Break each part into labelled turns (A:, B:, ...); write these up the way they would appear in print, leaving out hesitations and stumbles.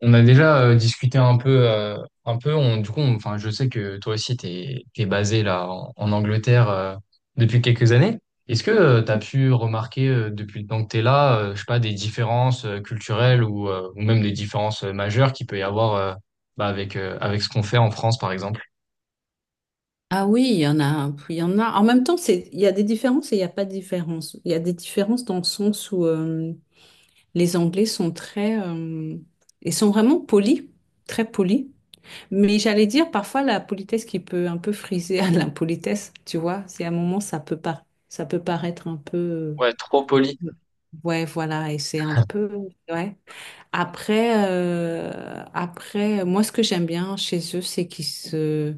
A: On a déjà discuté un peu. On, du coup, on- enfin, je sais que toi aussi, t'es basé là en Angleterre depuis quelques années. Est-ce que tu as pu remarquer depuis le temps que t'es là, je sais pas, des différences culturelles ou, ou même des différences majeures qu'il peut y avoir bah, avec ce qu'on fait en France, par exemple?
B: Ah oui, il y en a, il y en a. En même temps, c'est, il y a des différences et il n'y a pas de différence. Il y a des différences dans le sens où les Anglais sont très, ils sont vraiment polis, très polis. Mais j'allais dire parfois la politesse qui peut un peu friser à l'impolitesse, tu vois. C'est à un moment ça peut pas, ça peut paraître un peu,
A: Ouais, trop poli.
B: euh, ouais, voilà, et c'est un peu, ouais. Après, moi ce que j'aime bien chez eux, c'est qu'ils se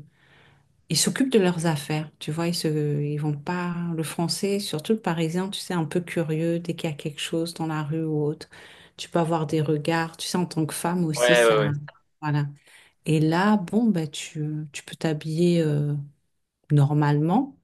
B: ils s'occupent de leurs affaires, tu vois, ils vont pas, le français, surtout le parisien, tu sais, un peu curieux, dès qu'il y a quelque chose dans la rue ou autre, tu peux avoir des regards, tu sais, en tant que femme aussi,
A: Ouais, ouais, ouais.
B: ça, voilà. Et là, bon, bah, tu peux t'habiller normalement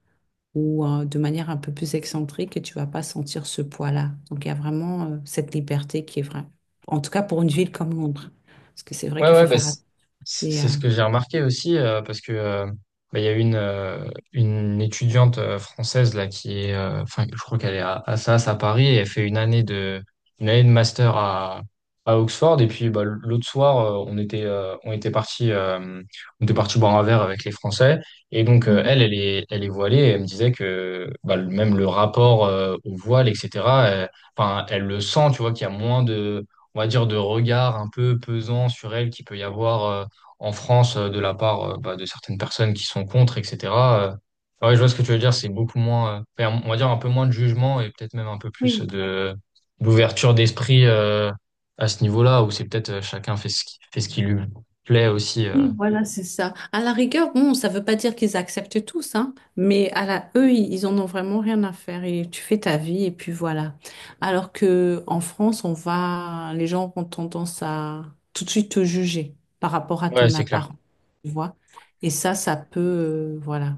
B: ou de manière un peu plus excentrique et tu vas pas sentir ce poids-là. Donc, il y a vraiment cette liberté qui est vraie. En tout cas, pour une ville comme Londres. Parce que c'est vrai
A: Ouais,
B: qu'il faut
A: ouais, bah,
B: faire attention.
A: c'est
B: et,
A: c'est
B: euh,
A: ce que j'ai remarqué aussi, parce que bah, il y a une étudiante française là qui est, enfin, je crois qu'elle est à SAS à Paris et elle fait une année de master à Oxford. Et puis bah, l'autre soir, on était parti boire un verre avec les Français. Et donc
B: Mhm.
A: elle est voilée. Et elle me disait que bah, même le rapport au voile, etc. euh, Enfin, elle le sent, tu vois, qu'il y a moins de on va dire, de regard un peu pesant sur elle qu'il peut y avoir en France de la part bah, de certaines personnes qui sont contre, etc. Euh, ah ouais, je vois ce que tu veux dire, c'est beaucoup moins, enfin, on va dire un peu moins de jugement et peut-être même un peu plus
B: Oui.
A: de d'ouverture d'esprit à ce niveau-là, où c'est peut-être chacun fait ce qui lui plaît aussi.
B: Oui, voilà, c'est ça. À la rigueur, bon, ça veut pas dire qu'ils acceptent tous, hein, mais eux, ils en ont vraiment rien à faire et tu fais ta vie et puis voilà. Alors que en France, les gens ont tendance à tout de suite te juger par rapport à
A: Ouais,
B: ton
A: c'est clair.
B: apparence, tu vois. Et ça peut, voilà.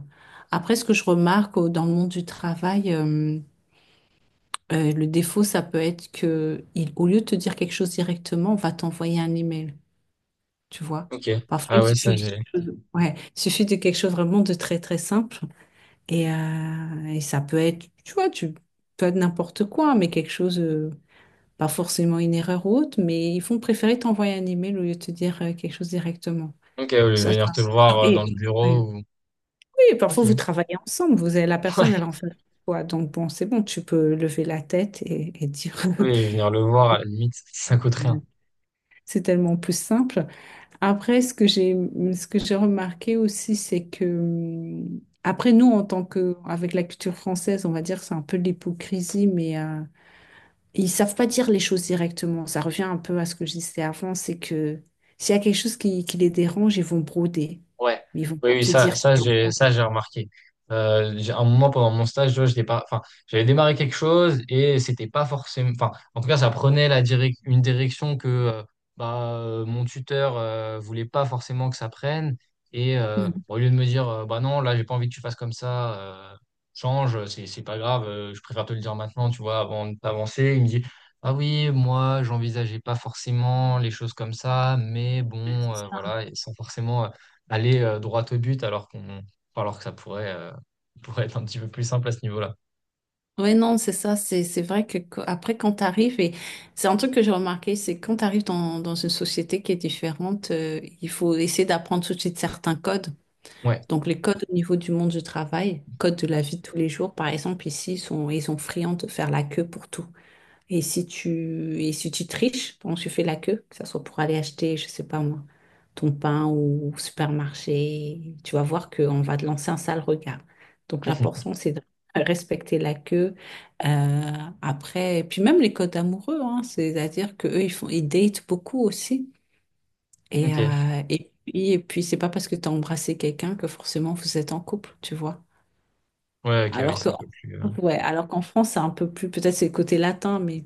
B: Après, ce que je remarque dans le monde du travail, le défaut, ça peut être que, au lieu de te dire quelque chose directement, on va t'envoyer un email, tu vois.
A: Ok.
B: Parfois,
A: Ah
B: il
A: ouais, ça,
B: suffit.
A: j'ai.
B: Ouais, il suffit de quelque chose vraiment de très très simple et ça peut être, tu vois, tu peux être n'importe quoi, mais quelque chose, pas forcément une erreur ou autre, mais ils vont préférer t'envoyer un email au lieu de te dire quelque chose directement.
A: Ok, au lieu de
B: Ça,
A: venir
B: ça.
A: te le voir dans le
B: Et oui,
A: bureau ou.
B: oui, parfois vous
A: Ok.
B: travaillez ensemble, vous avez la
A: Ouais.
B: personne, elle en fait quoi, donc bon, c'est bon, tu peux lever la tête et dire,
A: Oui, venir le voir, à la limite, ça coûte rien.
B: c'est tellement plus simple. Après, ce que j'ai remarqué aussi, c'est que, après nous, en tant que, avec la culture française, on va dire, c'est un peu de l'hypocrisie, mais ils savent pas dire les choses directement. Ça revient un peu à ce que je disais avant, c'est que s'il y a quelque chose qui les dérange, ils vont broder.
A: Ouais,
B: Mais ils vont
A: oui,
B: pas
A: oui,
B: te dire qu'il y un problème.
A: j'ai remarqué. À un moment pendant mon stage, je vois, j'étais pas, enfin, j'avais démarré quelque chose et c'était pas forcément, enfin, en tout cas, ça prenait la une direction que, mon tuteur, voulait pas forcément que ça prenne. Et,
B: Mhm.
A: au lieu de me dire, bah non, là, j'ai pas envie que tu fasses comme ça, euh, change, c'est pas grave, je préfère te le dire maintenant, tu vois, avant d'avancer. Il me dit, ah oui, moi, j'envisageais pas forcément les choses comme ça, mais
B: Ouais,
A: bon,
B: c'est ça.
A: voilà, et sans forcément, aller droit au but alors que ça pourrait, pourrait être un petit peu plus simple à ce niveau-là.
B: Ouais, non, c'est ça. C'est vrai que après, quand tu arrives, et c'est un truc que j'ai remarqué, c'est que quand tu arrives dans une société qui est différente, il faut essayer d'apprendre tout de suite certains codes.
A: Ouais.
B: Donc les codes au niveau du monde du travail, codes de la vie de tous les jours, par exemple, ici, ils sont friands de faire la queue pour tout. Et si tu triches, donc tu fais la queue, que ce soit pour aller acheter, je sais pas moi, ton pain ou au supermarché, tu vas voir qu'on va te lancer un sale regard. Donc l'important, c'est de respecter la queue. Euh, Après, et puis même les codes amoureux, hein, c'est-à-dire qu'eux, ils font, ils datent beaucoup aussi. Et,
A: Ok.
B: euh, et puis, et puis c'est pas parce que tu as embrassé quelqu'un que forcément vous êtes en couple, tu vois.
A: Ouais, ok, oui,
B: Alors
A: c'est
B: que,
A: un peu plus.
B: ouais, alors qu'en France, c'est un peu plus, peut-être c'est le côté latin, mais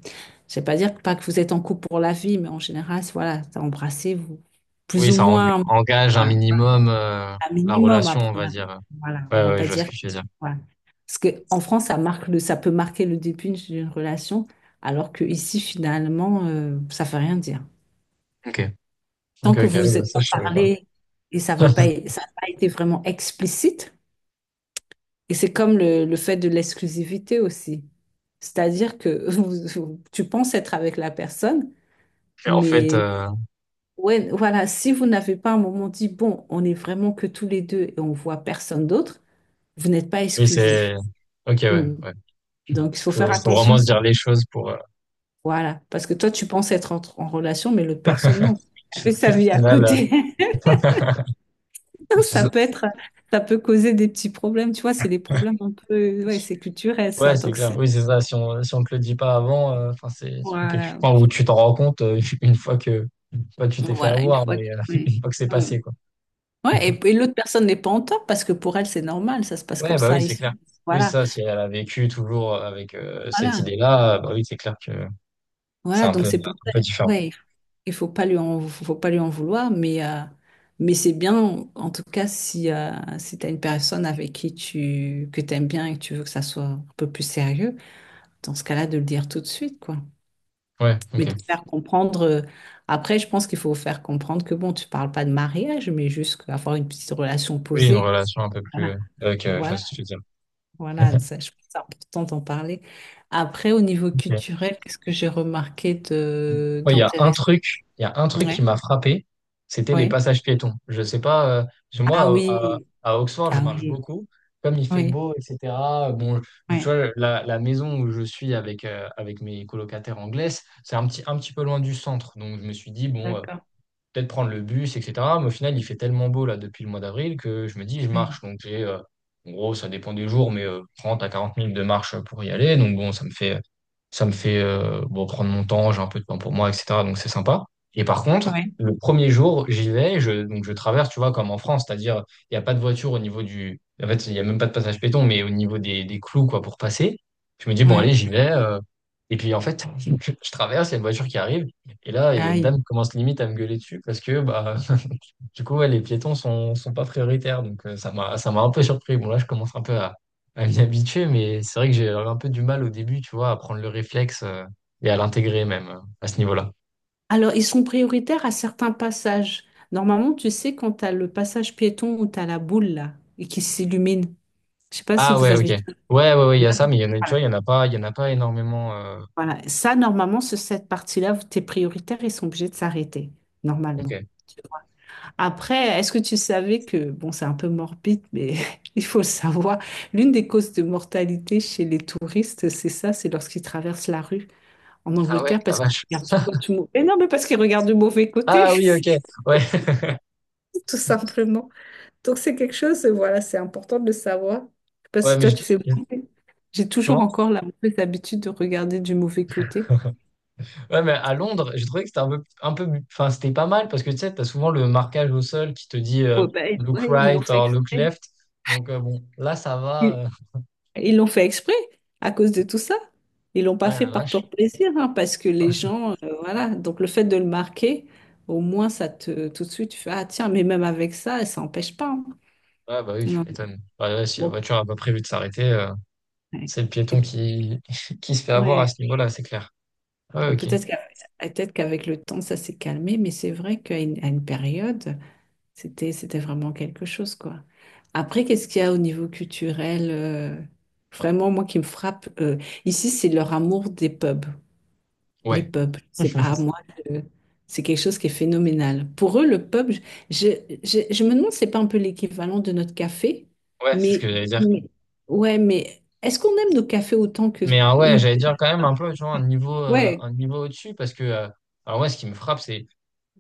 B: je vais pas dire pas que vous êtes en couple pour la vie, mais en général, voilà, t'as embrassé, vous,
A: Oui,
B: plus ou
A: ça
B: moins,
A: engage un
B: voilà,
A: minimum
B: un
A: la
B: minimum à
A: relation, on va
B: prendre.
A: dire.
B: Voilà, on
A: Ouais,
B: va
A: ouais,
B: pas
A: je vois ce
B: dire,
A: que tu veux dire.
B: voilà. Parce que en France, ça peut marquer le début d'une relation, alors que ici, finalement, ça fait rien dire.
A: Ok.
B: Tant
A: Ok,
B: que
A: ok,
B: vous vous
A: bah,
B: êtes
A: ça,
B: pas
A: je savais pas.
B: parlé et ça n'a pas été vraiment explicite. Et c'est comme le fait de l'exclusivité aussi. C'est-à-dire que tu penses être avec la personne,
A: Mais en fait,
B: mais ouais, voilà, si vous n'avez pas un moment dit, bon, on est vraiment que tous les deux et on voit personne d'autre, vous n'êtes pas
A: oui, c'est.
B: exclusif.
A: Ok, ouais,
B: Mm.
A: ouais.
B: Donc, il faut
A: Faut,
B: faire
A: faut
B: attention
A: vraiment se dire
B: aussi.
A: les choses pour.
B: Voilà, parce que toi, tu penses être en relation, mais l'autre personne, non. Elle
A: Au
B: fait sa vie à
A: final,
B: côté. Ça
A: euh,
B: peut être, ça peut causer des petits problèmes, tu vois, c'est des problèmes un peu, ouais, c'est culturel
A: Ouais,
B: ça.
A: c'est
B: Donc
A: clair.
B: c'est,
A: Oui, c'est ça. Si on te le dit pas avant, enfin, c'est quelque chose
B: voilà,
A: enfin, où tu t'en rends compte une fois que pas tu t'es fait
B: voilà, une
A: avoir,
B: fois
A: mais
B: qu'il ouais.
A: une fois que c'est
B: Mm.
A: passé, quoi.
B: Ouais, et l'autre personne n'est pas en tort parce que pour elle, c'est normal, ça se passe
A: Ouais,
B: comme
A: bah oui,
B: ça
A: c'est clair.
B: ici.
A: Oui,
B: Voilà,
A: ça, si elle a vécu toujours avec cette
B: voilà,
A: idée-là, bah oui, c'est clair que c'est
B: voilà, donc c'est pour
A: un
B: ça.
A: peu différent.
B: Ouais, il faut pas lui en, faut pas lui en vouloir, mais c'est bien, en tout cas, si tu as une personne avec que tu aimes bien et que tu veux que ça soit un peu plus sérieux, dans ce cas-là, de le dire tout de suite, quoi.
A: Ouais,
B: Mais
A: ok.
B: de faire comprendre, euh, après, je pense qu'il faut faire comprendre que bon, tu parles pas de mariage, mais juste avoir une petite relation
A: Oui, une
B: posée.
A: relation un peu plus,
B: Voilà,
A: ok, ouais, je vois
B: voilà,
A: ce que tu veux dire.
B: voilà, ça, je pense que c'est important d'en parler. Après, au niveau culturel, qu'est-ce que j'ai remarqué de
A: Ouais,
B: d'intéressant?
A: il y a un truc qui
B: Ouais,
A: m'a frappé, c'était les
B: ouais.
A: passages piétons. Je sais pas, parce que
B: Ah
A: moi,
B: oui,
A: à Oxford, je
B: ah
A: marche
B: oui,
A: beaucoup. Comme il fait
B: oui,
A: beau, etc. Bon, tu
B: oui.
A: vois, la maison où je suis avec, avec mes colocataires anglaises, c'est un petit peu loin du centre. Donc, je me suis dit, bon,
B: D'accord.
A: peut-être prendre le bus, etc. Mais au final, il fait tellement beau là depuis le mois d'avril que je me dis, je
B: Oui,
A: marche. En gros, ça dépend des jours, mais 30 à 40 minutes de marche pour y aller. Donc bon, ça me fait bon, prendre mon temps, j'ai un peu de temps pour moi, etc. Donc c'est sympa. Et par contre,
B: oui,
A: le premier jour, j'y vais, donc je traverse, tu vois, comme en France, c'est-à-dire, il n'y a pas de voiture au niveau du. En fait, il n'y a même pas de passage péton, mais au niveau des clous, quoi, pour passer. Je me dis, bon, allez,
B: oui.
A: j'y vais. Et puis en fait, je traverse, il y a une voiture qui arrive, et là, il y a une
B: Aïe.
A: dame qui commence limite à me gueuler dessus parce que bah du coup ouais, les piétons sont pas prioritaires. Donc ça m'a un peu surpris. Bon là je commence un peu à m'y habituer, mais c'est vrai que j'ai un peu du mal au début, tu vois, à prendre le réflexe et à l'intégrer même à ce niveau-là.
B: Alors, ils sont prioritaires à certains passages. Normalement, tu sais, quand tu as le passage piéton où tu as la boule là, et qui s'illumine. Je sais pas si
A: Ah
B: vous
A: ouais, ok.
B: avez ça.
A: Ouais, ouais, ouais, il y a
B: Là,
A: ça, mais il y en a, tu vois,
B: voilà.
A: il y en a pas énormément.
B: Voilà. Ça, normalement, sur cette partie-là, tes prioritaires, ils sont obligés de s'arrêter,
A: Ok.
B: normalement. Tu vois. Après, est-ce que tu savais que, bon, c'est un peu morbide, mais il faut le savoir, l'une des causes de mortalité chez les touristes, c'est ça, c'est lorsqu'ils traversent la rue en
A: Ah ouais,
B: Angleterre
A: la
B: parce qu'ils
A: vache.
B: regardent toujours du mauvais. Mais non, mais parce qu'ils regardent du mauvais côté,
A: Ah oui, ok. Ouais,
B: tout simplement. Donc c'est quelque chose, voilà, c'est important de le savoir. Je sais pas
A: ouais,
B: si
A: mais
B: toi tu fais
A: je-
B: beaucoup. J'ai toujours
A: comment?
B: encore la mauvaise habitude de regarder du mauvais côté.
A: Ouais, mais à Londres, j'ai trouvé que c'était un peu, enfin, c'était pas mal parce que tu sais, t'as souvent le marquage au sol qui te dit
B: Ouais, bah,
A: look
B: ouais, ils l'ont
A: right
B: fait
A: or look
B: exprès.
A: left. Donc, bon, là, ça va.
B: Ils ils l'ont fait exprès à cause de tout ça. Ils l'ont pas
A: Ouais,
B: fait
A: la
B: par pur
A: vache.
B: plaisir, hein, parce que les gens, voilà. Donc le fait de le marquer, au moins ça te, tout de suite, tu fais, ah tiens, mais même avec ça, ça n'empêche pas, hein.
A: Ouais, bah oui, je
B: Non.
A: m'étonne. Ouais, ouais, si la
B: Bon,
A: voiture n'a pas prévu de s'arrêter,
B: ouais.
A: c'est le
B: Et
A: piéton
B: puis,
A: qui, qui se fait avoir à
B: ouais.
A: ce niveau-là, c'est clair. Ouais,
B: Bon,
A: ok.
B: peut-être qu'avec le temps, ça s'est calmé, mais c'est vrai qu'à une période. C'était vraiment quelque chose, quoi. Après, qu'est-ce qu'il y a au niveau culturel, vraiment, moi, qui me frappe, ici, c'est leur amour des pubs, les
A: Ouais,
B: pubs. C'est pas à moi, je- c'est quelque chose qui est phénoménal. Pour eux, le pub, je, je me demande, c'est pas un peu l'équivalent de notre café,
A: ouais, c'est ce que
B: mais,
A: j'allais dire.
B: mais- ouais, mais est-ce qu'on aime nos cafés autant que
A: Mais ouais,
B: eux?
A: j'allais dire quand même un peu, tu vois,
B: Ouais.
A: un niveau au-dessus parce que, alors, moi, ce qui me frappe, c'est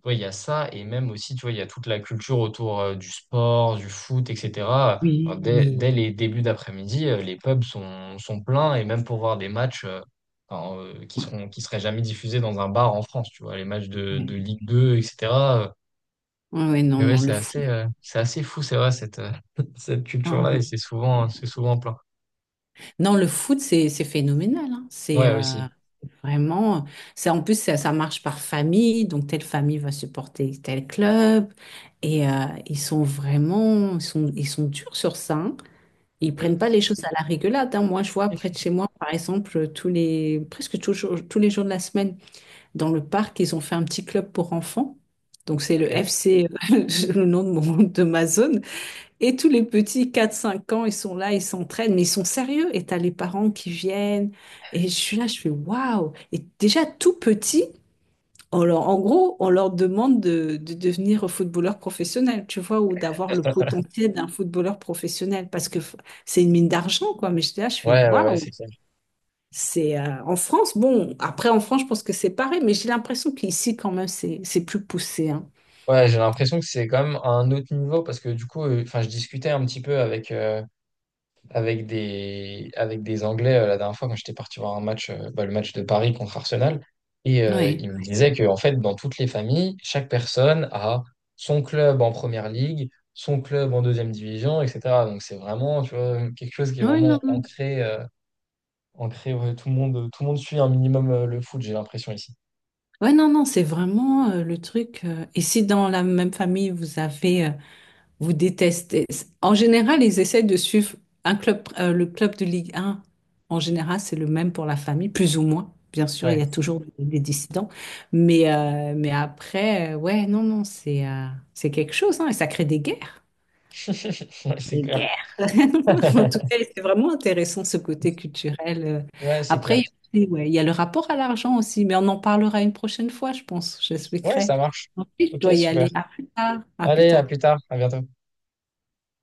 A: Ouais, il y a ça, et même aussi, tu vois, il y a toute la culture autour du sport, du foot, etc. Enfin,
B: Oui.
A: dès les débuts d'après-midi, les pubs sont pleins, et même pour voir des matchs
B: Ouais,
A: qui seraient jamais diffusés dans un bar en France, tu vois, les matchs de,
B: ouais,
A: de Ligue 2, etc. euh,
B: ouais, non,
A: Mais ouais,
B: non, le fou.
A: c'est assez fou, c'est vrai, cette, cette
B: Non,
A: culture-là, et
B: ouais.
A: c'est souvent plein.
B: Non, le foot, c'est phénoménal, hein. C'est
A: Ouais, aussi.
B: vraiment. Ça, en plus, ça marche par famille. Donc, telle famille va supporter tel club. Et ils sont vraiment. Ils sont durs sur ça, hein. Ils
A: Mm,
B: prennent pas les choses à la rigolade, hein. Moi, je vois près de chez moi, par exemple, presque toujours, tous les jours de la semaine, dans le parc, ils ont fait un petit club pour enfants. Donc, c'est le
A: ok.
B: FC, le nom de ma zone. Et tous les petits 4 5 ans, ils sont là, ils s'entraînent, mais ils sont sérieux. Et t'as les parents qui viennent. Et je suis là, je fais waouh. Et déjà tout petit, en gros, on leur demande de devenir footballeur professionnel, tu vois, ou d'avoir le potentiel d'un footballeur professionnel, parce que c'est une mine d'argent, quoi. Mais je j'étais là, je fais
A: Ouais, ouais, ouais,
B: waouh.
A: c'est clair.
B: C'est en France, bon, après en France, je pense que c'est pareil, mais j'ai l'impression qu'ici, quand même, c'est plus poussé, hein.
A: Ouais, j'ai l'impression que c'est quand même à un autre niveau parce que du coup, enfin, je discutais un petit peu avec des Anglais la dernière fois quand j'étais parti voir un match, bah, le match de Paris contre Arsenal. Et
B: Ouais.
A: il me disait que, en fait, dans toutes les familles, chaque personne a son club en première ligue, son club en deuxième division, etc. Donc c'est vraiment, tu vois, quelque chose qui est
B: Ouais, non,
A: vraiment
B: non.
A: ancré, ouais, tout le monde suit un minimum le foot, j'ai l'impression ici.
B: Ouais, non, non, c'est vraiment le truc. Et si dans la même famille, vous avez, vous détestez. En général, ils essaient de suivre un club, le club de Ligue 1. En général, c'est le même pour la famille, plus ou moins. Bien sûr, il y
A: Ouais,
B: a toujours des dissidents. Mais après, ouais, non, non, c'est quelque chose, hein, et ça crée des guerres
A: ouais, c'est
B: des
A: clair.
B: guerres. En tout cas, c'est vraiment intéressant ce côté culturel.
A: Ouais, c'est
B: Après,
A: clair.
B: il y a aussi, ouais, il y a le rapport à l'argent aussi, mais on en parlera une prochaine fois, je pense.
A: Ouais,
B: J'expliquerai.
A: ça marche.
B: En plus, je
A: Ok,
B: dois y
A: super.
B: aller. À plus tard. À plus
A: Allez, à
B: tard.
A: plus tard, à bientôt.